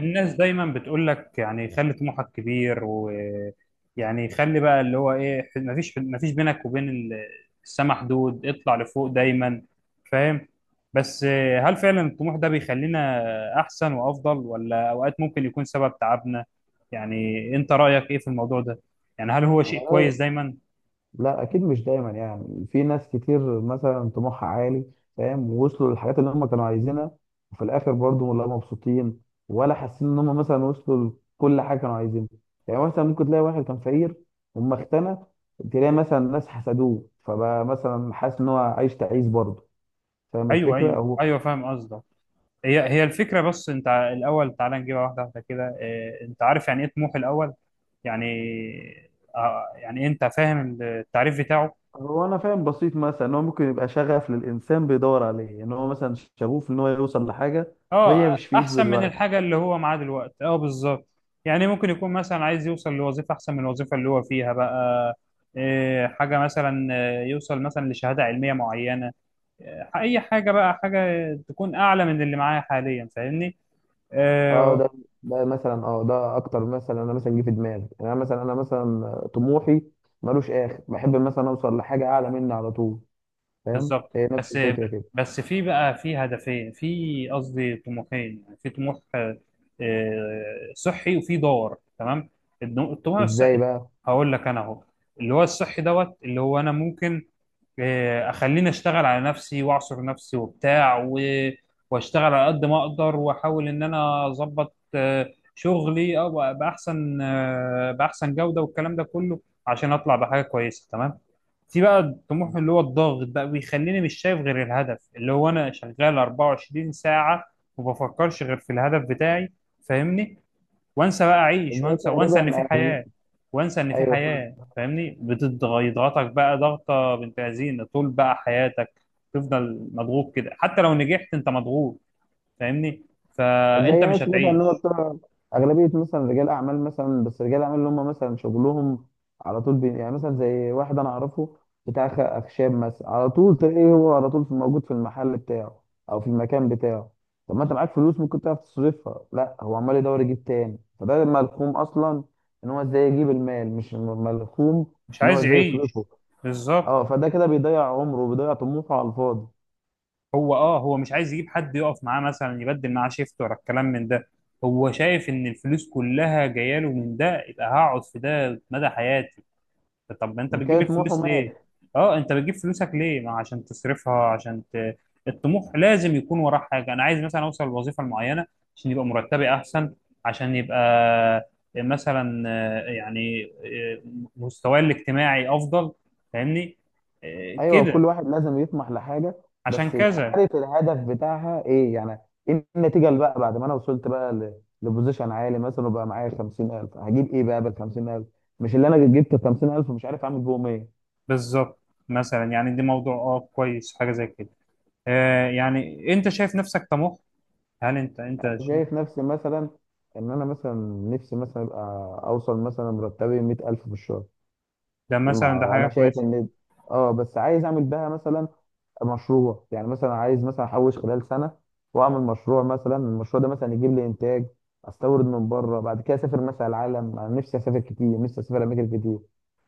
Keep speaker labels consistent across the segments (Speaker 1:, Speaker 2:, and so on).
Speaker 1: الناس دايما بتقول لك يعني خلي طموحك كبير ويعني خلي بقى اللي هو ايه مفيش بينك وبين السما حدود، اطلع لفوق دايما، فاهم؟ بس هل فعلا الطموح ده بيخلينا احسن وافضل، ولا اوقات ممكن يكون سبب تعبنا؟ يعني انت رأيك ايه في الموضوع ده؟ يعني هل هو شيء
Speaker 2: أنا-
Speaker 1: كويس دايما؟
Speaker 2: لا، اكيد مش دايما. يعني في ناس كتير مثلا طموحها عالي. فاهم، ووصلوا للحاجات اللي هم كانوا عايزينها، وفي الاخر برضه لا مبسوطين ولا حاسين ان هم مثلا وصلوا لكل حاجه كانوا عايزينها. يعني مثلا ممكن تلاقي واحد كان فقير وما اغتنى. تلاقي مثلا ناس حسدوه، فبقى مثلا حاسس ان هو عايش تعيس برضه. فاهم
Speaker 1: ايوه
Speaker 2: الفكره
Speaker 1: ايوه
Speaker 2: او...
Speaker 1: ايوه، فاهم قصدك. هي الفكرة. بس انت الأول تعالى نجيبها واحدة واحدة كده. اه، انت عارف يعني ايه طموح الأول؟ يعني اه، يعني انت فاهم التعريف بتاعه؟
Speaker 2: هو انا فاهم بسيط، مثلا ان هو ممكن يبقى شغف للانسان، بيدور عليه ان هو مثلا شغوف ان هو يوصل لحاجه وهي
Speaker 1: اه،
Speaker 2: مش في ايده
Speaker 1: احسن من
Speaker 2: دلوقتي.
Speaker 1: الحاجة اللي هو معاه دلوقتي. اه بالظبط. يعني ممكن يكون مثلا عايز يوصل لوظيفة احسن من الوظيفة اللي هو فيها بقى. اه حاجة مثلا، يوصل مثلا لشهادة علمية معينة. اه اي حاجة بقى، حاجة تكون اعلى من اللي معاه حاليا، فاهمني؟
Speaker 2: اه،
Speaker 1: اه،
Speaker 2: ده مثلا، اه ده اكتر، مثلا انا مثلا جه في دماغي. يعني انا مثلا طموحي ملوش اخر، بحب مثلا اوصل لحاجه اعلى مني على طول. فاهم،
Speaker 1: بالظبط.
Speaker 2: هي نفس
Speaker 1: بس
Speaker 2: الفكره كده.
Speaker 1: بس في بقى، في قصدي طموحين، يعني في طموح صحي وفي دور. تمام؟ الطموح
Speaker 2: ازاي
Speaker 1: الصحي
Speaker 2: بقى؟
Speaker 1: هقول لك انا اهو. اللي هو الصحي دوت اللي هو انا ممكن اخليني اشتغل على نفسي واعصر نفسي وبتاع واشتغل على قد ما اقدر، واحاول ان انا اظبط شغلي او باحسن آه، باحسن جودة والكلام ده كله، عشان اطلع بحاجة كويسة. تمام؟ في بقى الطموح اللي هو الضاغط بقى، بيخليني مش شايف غير الهدف، اللي هو انا شغال 24 ساعة وما بفكرش غير في الهدف بتاعي، فاهمني؟ وانسى بقى اعيش،
Speaker 2: ازاي
Speaker 1: وانسى
Speaker 2: تقريبا؟
Speaker 1: ان في
Speaker 2: أنا-
Speaker 1: حياه. وانسى ان في
Speaker 2: ايوه،
Speaker 1: حياه، فاهمني؟ بتضغطك بقى ضغطه بنت لذينه طول بقى حياتك. تفضل مضغوط كده، حتى لو نجحت انت مضغوط، فاهمني؟
Speaker 2: زي
Speaker 1: فانت مش
Speaker 2: ناس مثلا اللي هم
Speaker 1: هتعيش.
Speaker 2: بتوع اغلبيه مثلا رجال اعمال، مثلا بس رجال اعمال اللي هم مثلا شغلهم على طول يعني مثلا زي واحد انا اعرفه بتاع اخشاب مثلا، على طول تلاقيه هو على طول في، موجود في المحل بتاعه او في المكان بتاعه. طب ما انت معاك فلوس ممكن تعرف تصرفها، لا هو عمال يدور يجيب تاني. فده ملخوم اصلا ان هو ازاي يجيب المال، مش ملخوم
Speaker 1: مش
Speaker 2: ان هو
Speaker 1: عايز
Speaker 2: ازاي
Speaker 1: يعيش.
Speaker 2: يصرفه. اه،
Speaker 1: بالظبط.
Speaker 2: فده كده بيضيع عمره وبيضيع طموحه على الفاضي.
Speaker 1: هو اه، هو مش عايز يجيب حد يقف معاه مثلا يبدل معاه شيفت ولا الكلام من ده. هو شايف ان الفلوس كلها جايه له من ده، يبقى هقعد في ده مدى حياتي. طب انت بتجيب
Speaker 2: كان طموحه
Speaker 1: الفلوس ليه؟
Speaker 2: مات.
Speaker 1: اه انت بتجيب فلوسك ليه؟ ما عشان تصرفها، عشان الطموح لازم يكون وراه حاجه. انا عايز مثلا اوصل لوظيفه معينه عشان يبقى مرتبي احسن، عشان يبقى مثلا مستواي الاجتماعي افضل، فاهمني؟
Speaker 2: ايوه،
Speaker 1: كده.
Speaker 2: كل واحد لازم يطمح لحاجه،
Speaker 1: عشان
Speaker 2: بس يبقى
Speaker 1: كذا.
Speaker 2: عارف الهدف بتاعها ايه. يعني ايه النتيجه، اللي بقى بعد ما انا وصلت بقى لبوزيشن عالي مثلا، وبقى معايا 50,000، هجيب ايه بقى بال 50,000؟ مش اللي انا جبت 50,000 ومش عارف اعمل بيهم ايه.
Speaker 1: بالظبط. مثلا يعني دي موضوع اه كويس، حاجه زي كده. يعني انت شايف نفسك طموح؟ هل انت
Speaker 2: أنا
Speaker 1: انت
Speaker 2: شايف نفسي مثلا، ان انا مثلا نفسي مثلا ابقى اوصل مثلا مرتبي 100,000 في الشهر.
Speaker 1: ده مثلا، ده
Speaker 2: مع
Speaker 1: حاجه
Speaker 2: انا شايف
Speaker 1: كويسه.
Speaker 2: ان اه، بس عايز اعمل بها مثلا مشروع. يعني مثلا عايز مثلا احوش خلال سنه واعمل مشروع، مثلا المشروع ده مثلا يجيب لي انتاج، استورد من بره. بعد كده اسافر مثلا العالم، انا نفسي اسافر كتير، نفسي اسافر اماكن كتير.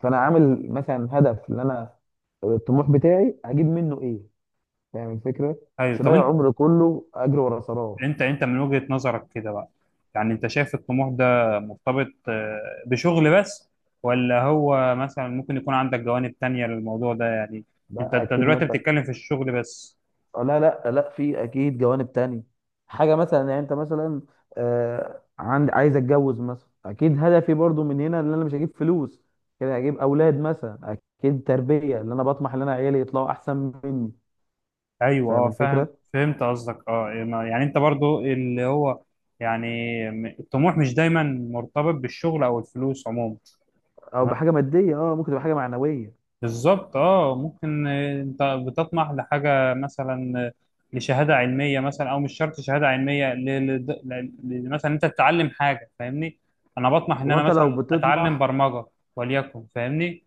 Speaker 2: فانا عامل مثلا هدف، اللي انا الطموح بتاعي هجيب منه ايه. فاهم الفكره.
Speaker 1: ايوه
Speaker 2: مش
Speaker 1: طب
Speaker 2: هضيع
Speaker 1: انت،
Speaker 2: عمري كله اجري ورا سراب.
Speaker 1: انت من وجهة نظرك كده بقى، يعني انت شايف الطموح ده مرتبط بشغل بس، ولا هو مثلا ممكن يكون عندك جوانب تانية للموضوع ده؟ يعني
Speaker 2: لا،
Speaker 1: انت
Speaker 2: اكيد
Speaker 1: دلوقتي
Speaker 2: مثلا.
Speaker 1: بتتكلم في الشغل بس.
Speaker 2: لا، لا، لا، في اكيد جوانب تانية. حاجه مثلا، يعني انت مثلا عند، عايز اتجوز مثلا، اكيد هدفي برضو من هنا، ان انا مش هجيب فلوس كده، هجيب اولاد مثلا، اكيد تربيه اللي انا بطمح ان انا عيالي يطلعوا احسن مني.
Speaker 1: ايوه
Speaker 2: فاهم
Speaker 1: اه فاهم،
Speaker 2: الفكره.
Speaker 1: فهمت قصدك. اه، يعني انت برضو اللي هو يعني، الطموح مش دايما مرتبط بالشغل او الفلوس عموما.
Speaker 2: او بحاجه ماديه، اه ممكن تبقى حاجه معنويه.
Speaker 1: بالظبط. اه ممكن، انت بتطمح لحاجه مثلا، لشهاده علميه مثلا، او مش شرط شهاده علميه، مثلا انت تتعلم حاجه، فاهمني؟ انا بطمح ان
Speaker 2: هو
Speaker 1: انا
Speaker 2: انت لو
Speaker 1: مثلا اتعلم
Speaker 2: بتطمح.
Speaker 1: برمجه، وليكن، فاهمني؟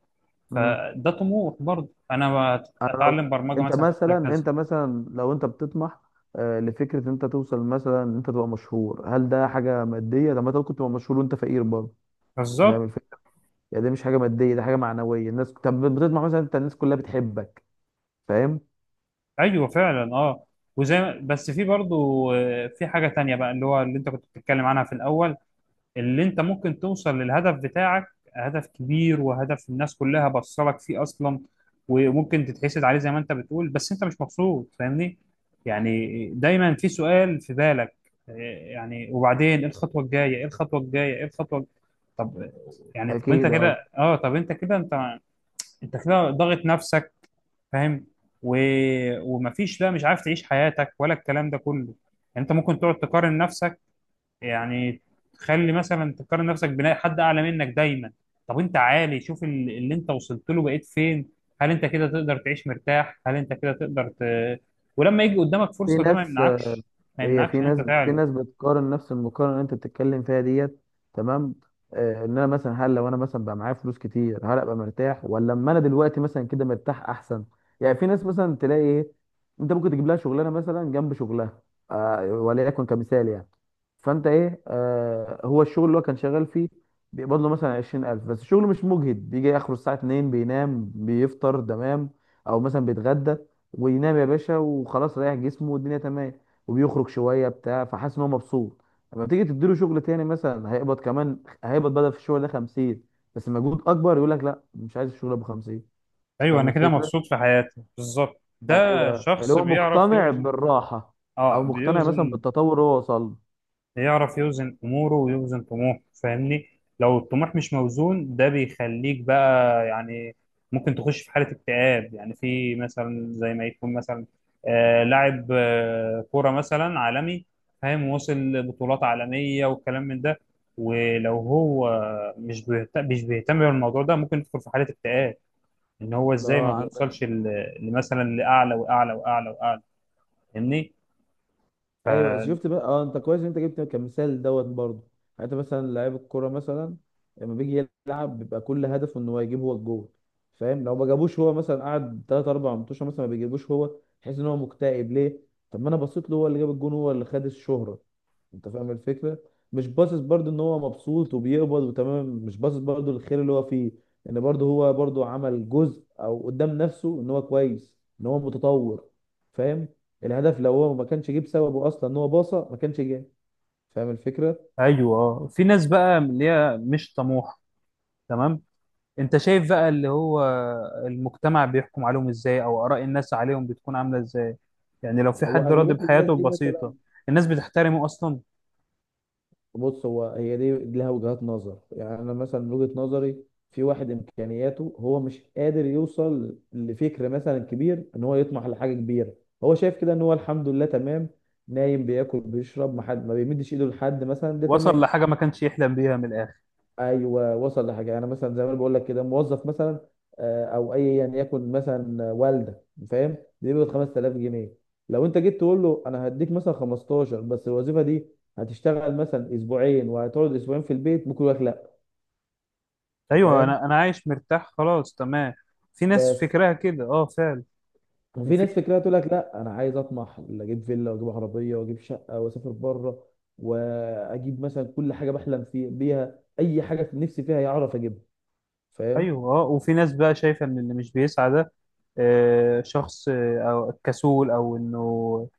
Speaker 2: مم.
Speaker 1: فده طموح برضه. انا
Speaker 2: انا لو،
Speaker 1: اتعلم برمجه
Speaker 2: انت
Speaker 1: مثلا في
Speaker 2: مثلا
Speaker 1: مجال كذا.
Speaker 2: انت مثلا لو انت بتطمح لفكره ان انت توصل مثلا ان انت تبقى مشهور، هل ده حاجه ماديه؟ طب ما انت ممكن تبقى مشهور وانت فقير برضه.
Speaker 1: بالظبط.
Speaker 2: فاهم. يعني دي مش حاجه ماديه، دي حاجه معنويه. الناس، طب بتطمح مثلا، انت الناس كلها بتحبك. فاهم.
Speaker 1: ايوه فعلا اه. وزي ما- بس في برضه في حاجه تانية بقى، اللي هو اللي انت كنت بتتكلم عنها في الاول، اللي انت ممكن توصل للهدف بتاعك، هدف كبير وهدف الناس كلها بصلك فيه اصلا، وممكن تتحسد عليه زي ما انت بتقول، بس انت مش مبسوط، فاهمني؟ يعني دايما في سؤال في بالك: إيه يعني وبعدين؟ ايه الخطوه الجايه؟ ايه الخطوه الجايه؟ ايه الخطوه؟ طب يعني، طب انت
Speaker 2: اكيد
Speaker 1: كده
Speaker 2: اه.
Speaker 1: اه، طب انت كده، انت انت كده ضاغط نفسك، فاهم؟ و... ومفيش، لا مش عارف تعيش حياتك ولا الكلام ده كله. يعني انت ممكن تقعد تقارن نفسك، يعني تخلي مثلا تقارن نفسك حد اعلى منك دايما. طب انت عالي، شوف اللي انت وصلت له، بقيت فين. هل انت كده تقدر تعيش مرتاح؟ هل انت كده تقدر ولما يجي قدامك
Speaker 2: في
Speaker 1: فرصة ده ما
Speaker 2: ناس،
Speaker 1: يمنعكش، ما
Speaker 2: هي
Speaker 1: يمنعكش
Speaker 2: في
Speaker 1: ان انت
Speaker 2: ناس في
Speaker 1: تعلى.
Speaker 2: ناس بتقارن نفس المقارنه اللي انت بتتكلم فيها ديت. تمام. ان انا مثلا، هل لو انا مثلا بقى معايا فلوس كتير هل ابقى مرتاح، ولا اما انا دلوقتي مثلا كده مرتاح احسن؟ يعني في ناس مثلا، تلاقي ايه، انت ممكن تجيب لها شغلانه مثلا جنب شغلها، وليكن كمثال يعني. فانت ايه، هو الشغل اللي هو كان شغال فيه، بيقبض له مثلا 20,000، بس الشغل مش مجهد، بيجي اخره الساعه 2 بينام، بيفطر تمام او مثلا بيتغدى، وينام يا باشا وخلاص، ريح جسمه والدنيا تمام، وبيخرج شويه بتاع، فحاسس ان هو مبسوط. لما تيجي تديله شغل تاني مثلا، هيقبض كمان، هيقبض بدل في الشغل ده 50، بس مجهود اكبر، يقول لك لا، مش عايز الشغل ابو 50. أنت
Speaker 1: ايوه
Speaker 2: فاهم
Speaker 1: انا كده
Speaker 2: الفكره.
Speaker 1: مبسوط في حياتي، بالظبط ده.
Speaker 2: ايوه، اللي
Speaker 1: شخص
Speaker 2: هو
Speaker 1: بيعرف
Speaker 2: مقتنع
Speaker 1: يوزن.
Speaker 2: بالراحه،
Speaker 1: اه
Speaker 2: او مقتنع مثلا
Speaker 1: بيوزن،
Speaker 2: بالتطور اللي هو وصل
Speaker 1: يعرف يوزن اموره ويوزن طموحه، فاهمني؟ لو الطموح مش موزون ده بيخليك بقى يعني ممكن تخش في حالة اكتئاب، يعني في مثلا، زي ما يكون مثلا لاعب كورة مثلا عالمي، فاهم؟ وصل بطولات عالمية والكلام من ده، ولو هو مش بيهتم بالموضوع ده، ممكن يدخل في حالة اكتئاب، ان هو
Speaker 2: له.
Speaker 1: ازاي ما
Speaker 2: اه.
Speaker 1: بيوصلش لمثلا لاعلى واعلى واعلى واعلى، فاهمني؟
Speaker 2: ايوه،
Speaker 1: ف-
Speaker 2: شفت بقى، اه انت كويس إن انت جبت كمثال دوت برضه. يعني انت مثلا لعيب الكوره مثلا، لما بيجي يلعب بيبقى كل هدفه ان هو يجيب هو الجول. فاهم، لو ما جابوش هو، مثلا قعد تلات اربع ماتشات مثلا ما بيجيبوش هو، تحس ان هو مكتئب. ليه؟ طب ما انا بصيت له، هو اللي جاب الجون، هو اللي خد الشهره. انت فاهم الفكره. مش باصص برضه ان هو مبسوط وبيقبض وتمام، مش باصص برضه للخير اللي هو فيه، ان برضه هو برضه عمل جزء او قدام نفسه ان هو كويس، ان هو متطور. فاهم. الهدف، لو هو ما كانش جيب سببه اصلا ان هو باصه ما كانش جاب. فاهم الفكره.
Speaker 1: ايوه آه. في ناس بقى اللي هي مش طموحه. تمام؟ انت شايف بقى اللي هو المجتمع بيحكم عليهم ازاي، او اراء الناس عليهم بتكون عامله ازاي؟ يعني لو في
Speaker 2: هو
Speaker 1: حد راضي
Speaker 2: اغلبيه الناس
Speaker 1: بحياته
Speaker 2: دي
Speaker 1: البسيطه،
Speaker 2: مثلا،
Speaker 1: الناس بتحترمه اصلا؟
Speaker 2: بص هو هي دي لها وجهات نظر. يعني انا مثلا من وجهه نظري، في واحد امكانياته هو مش قادر يوصل لفكر مثلا كبير، ان هو يطمح لحاجه كبيره. هو شايف كده ان هو الحمد لله تمام، نايم بياكل بيشرب، ما حد ما بيمدش ايده لحد مثلا، ده
Speaker 1: وصل
Speaker 2: تمام.
Speaker 1: لحاجه ما كانش يحلم بيها من الاخر.
Speaker 2: ايوه، وصل لحاجه. يعني انا مثلا زي ما أنا بقول لك كده، موظف مثلا، او ايا يكن مثلا والده، فاهم، بيقبض 5,000 جنيه. لو انت جيت تقول له انا هديك مثلا 15، بس الوظيفه دي هتشتغل مثلا اسبوعين وهتقعد اسبوعين في البيت، ممكن يقول لك لا. انت
Speaker 1: ايوه
Speaker 2: فاهم.
Speaker 1: انا انا عايش مرتاح خلاص، تمام. في ناس
Speaker 2: بس
Speaker 1: فكرها كده اه فعلا.
Speaker 2: وفي
Speaker 1: وفي،
Speaker 2: ناس فكرها تقول لك لا، انا عايز اطمح، اجيب فيلا واجيب عربيه واجيب شقه واسافر بره، واجيب مثلا كل حاجه بحلم فيها بيها، اي حاجه في نفسي فيها يعرف اجيبها. فاهم.
Speaker 1: ايوه اه، وفي ناس بقى شايفه ان اللي مش بيسعى ده شخص او كسول، او انه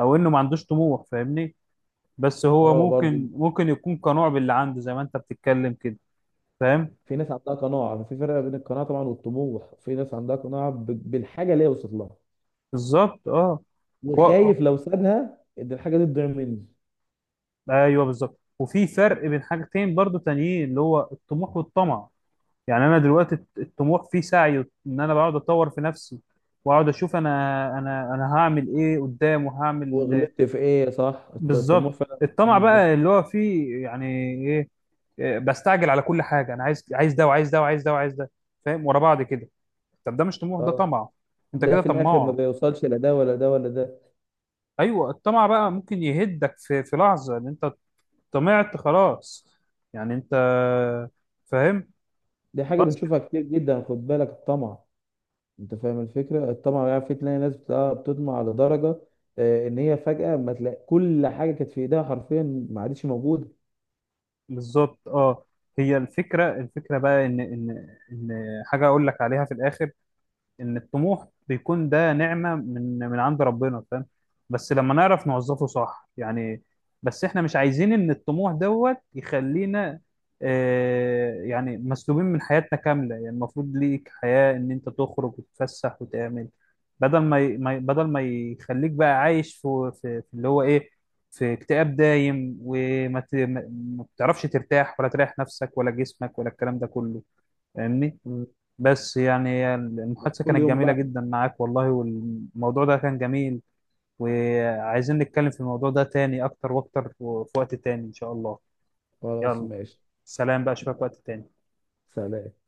Speaker 1: او انه ما عندوش طموح، فاهمني؟ بس هو
Speaker 2: اه برضه،
Speaker 1: ممكن ممكن يكون قنوع باللي عنده، زي ما انت بتتكلم كده، فاهم؟
Speaker 2: في ناس عندها قناعة. يعني في فرق بين القناعة طبعا والطموح. في ناس عندها قناعة بالحاجة اللي هي وصلت لها،
Speaker 1: بالظبط اه. و...
Speaker 2: وخايف لو سابها ان الحاجة دي تضيع مني.
Speaker 1: ايوه بالظبط. وفي فرق بين حاجتين برضو تانيين، اللي هو الطموح والطمع. يعني انا دلوقتي الطموح فيه سعي، ان انا بقعد اتطور في نفسي، واقعد اشوف انا، انا هعمل ايه قدام، وهعمل.
Speaker 2: وغلطت في ايه؟ صح، الطموح
Speaker 1: بالظبط.
Speaker 2: فعلا
Speaker 1: الطمع
Speaker 2: مش...
Speaker 1: بقى اللي هو فيه يعني ايه؟ بستعجل على كل حاجه. انا عايز، عايز ده وعايز ده وعايز ده وعايز ده، فاهم؟ ورا بعض كده. طب ده مش طموح ده
Speaker 2: اه،
Speaker 1: طمع. انت
Speaker 2: ده
Speaker 1: كده
Speaker 2: في الاخر ما
Speaker 1: طماع.
Speaker 2: بيوصلش لا ده ولا ده ولا ده.
Speaker 1: ايوه الطمع بقى ممكن يهدك في لحظه، ان انت طمعت خلاص، يعني انت، فاهم؟
Speaker 2: دي حاجة
Speaker 1: خلاص كده.
Speaker 2: بنشوفها كتير جدا، خد بالك الطمع. انت فاهم الفكرة. الطمع يعني في، تلاقي ناس بتطمع لدرجة، ان هي فجأة ما تلاقي كل حاجة كانت في ايديها حرفيا، ما عادش موجودة.
Speaker 1: بالظبط اه. هي الفكره بقى ان ان حاجه اقول لك عليها في الاخر: ان الطموح بيكون ده نعمة من عند ربنا، فاهم؟ بس لما نعرف نوظفه صح يعني. بس احنا مش عايزين ان الطموح دوت يخلينا يعني مسلوبين من حياتنا كاملة. يعني المفروض ليك حياة، ان انت تخرج وتتفسح وتعمل، بدل ما بدل ما يخليك بقى عايش في اللي هو ايه، في اكتئاب دايم، وما ت... ما ما بتعرفش ترتاح ولا تريح نفسك ولا جسمك ولا الكلام ده كله، فاهمني؟
Speaker 2: مم.
Speaker 1: بس يعني المحادثة
Speaker 2: كل
Speaker 1: كانت
Speaker 2: يوم
Speaker 1: جميلة
Speaker 2: بقى.
Speaker 1: جدا معاك والله، والموضوع ده كان جميل، وعايزين نتكلم في الموضوع ده تاني أكتر وأكتر في وقت تاني إن شاء الله.
Speaker 2: خلاص
Speaker 1: يلا،
Speaker 2: ماشي.
Speaker 1: سلام بقى، أشوفك وقت تاني.
Speaker 2: سلام.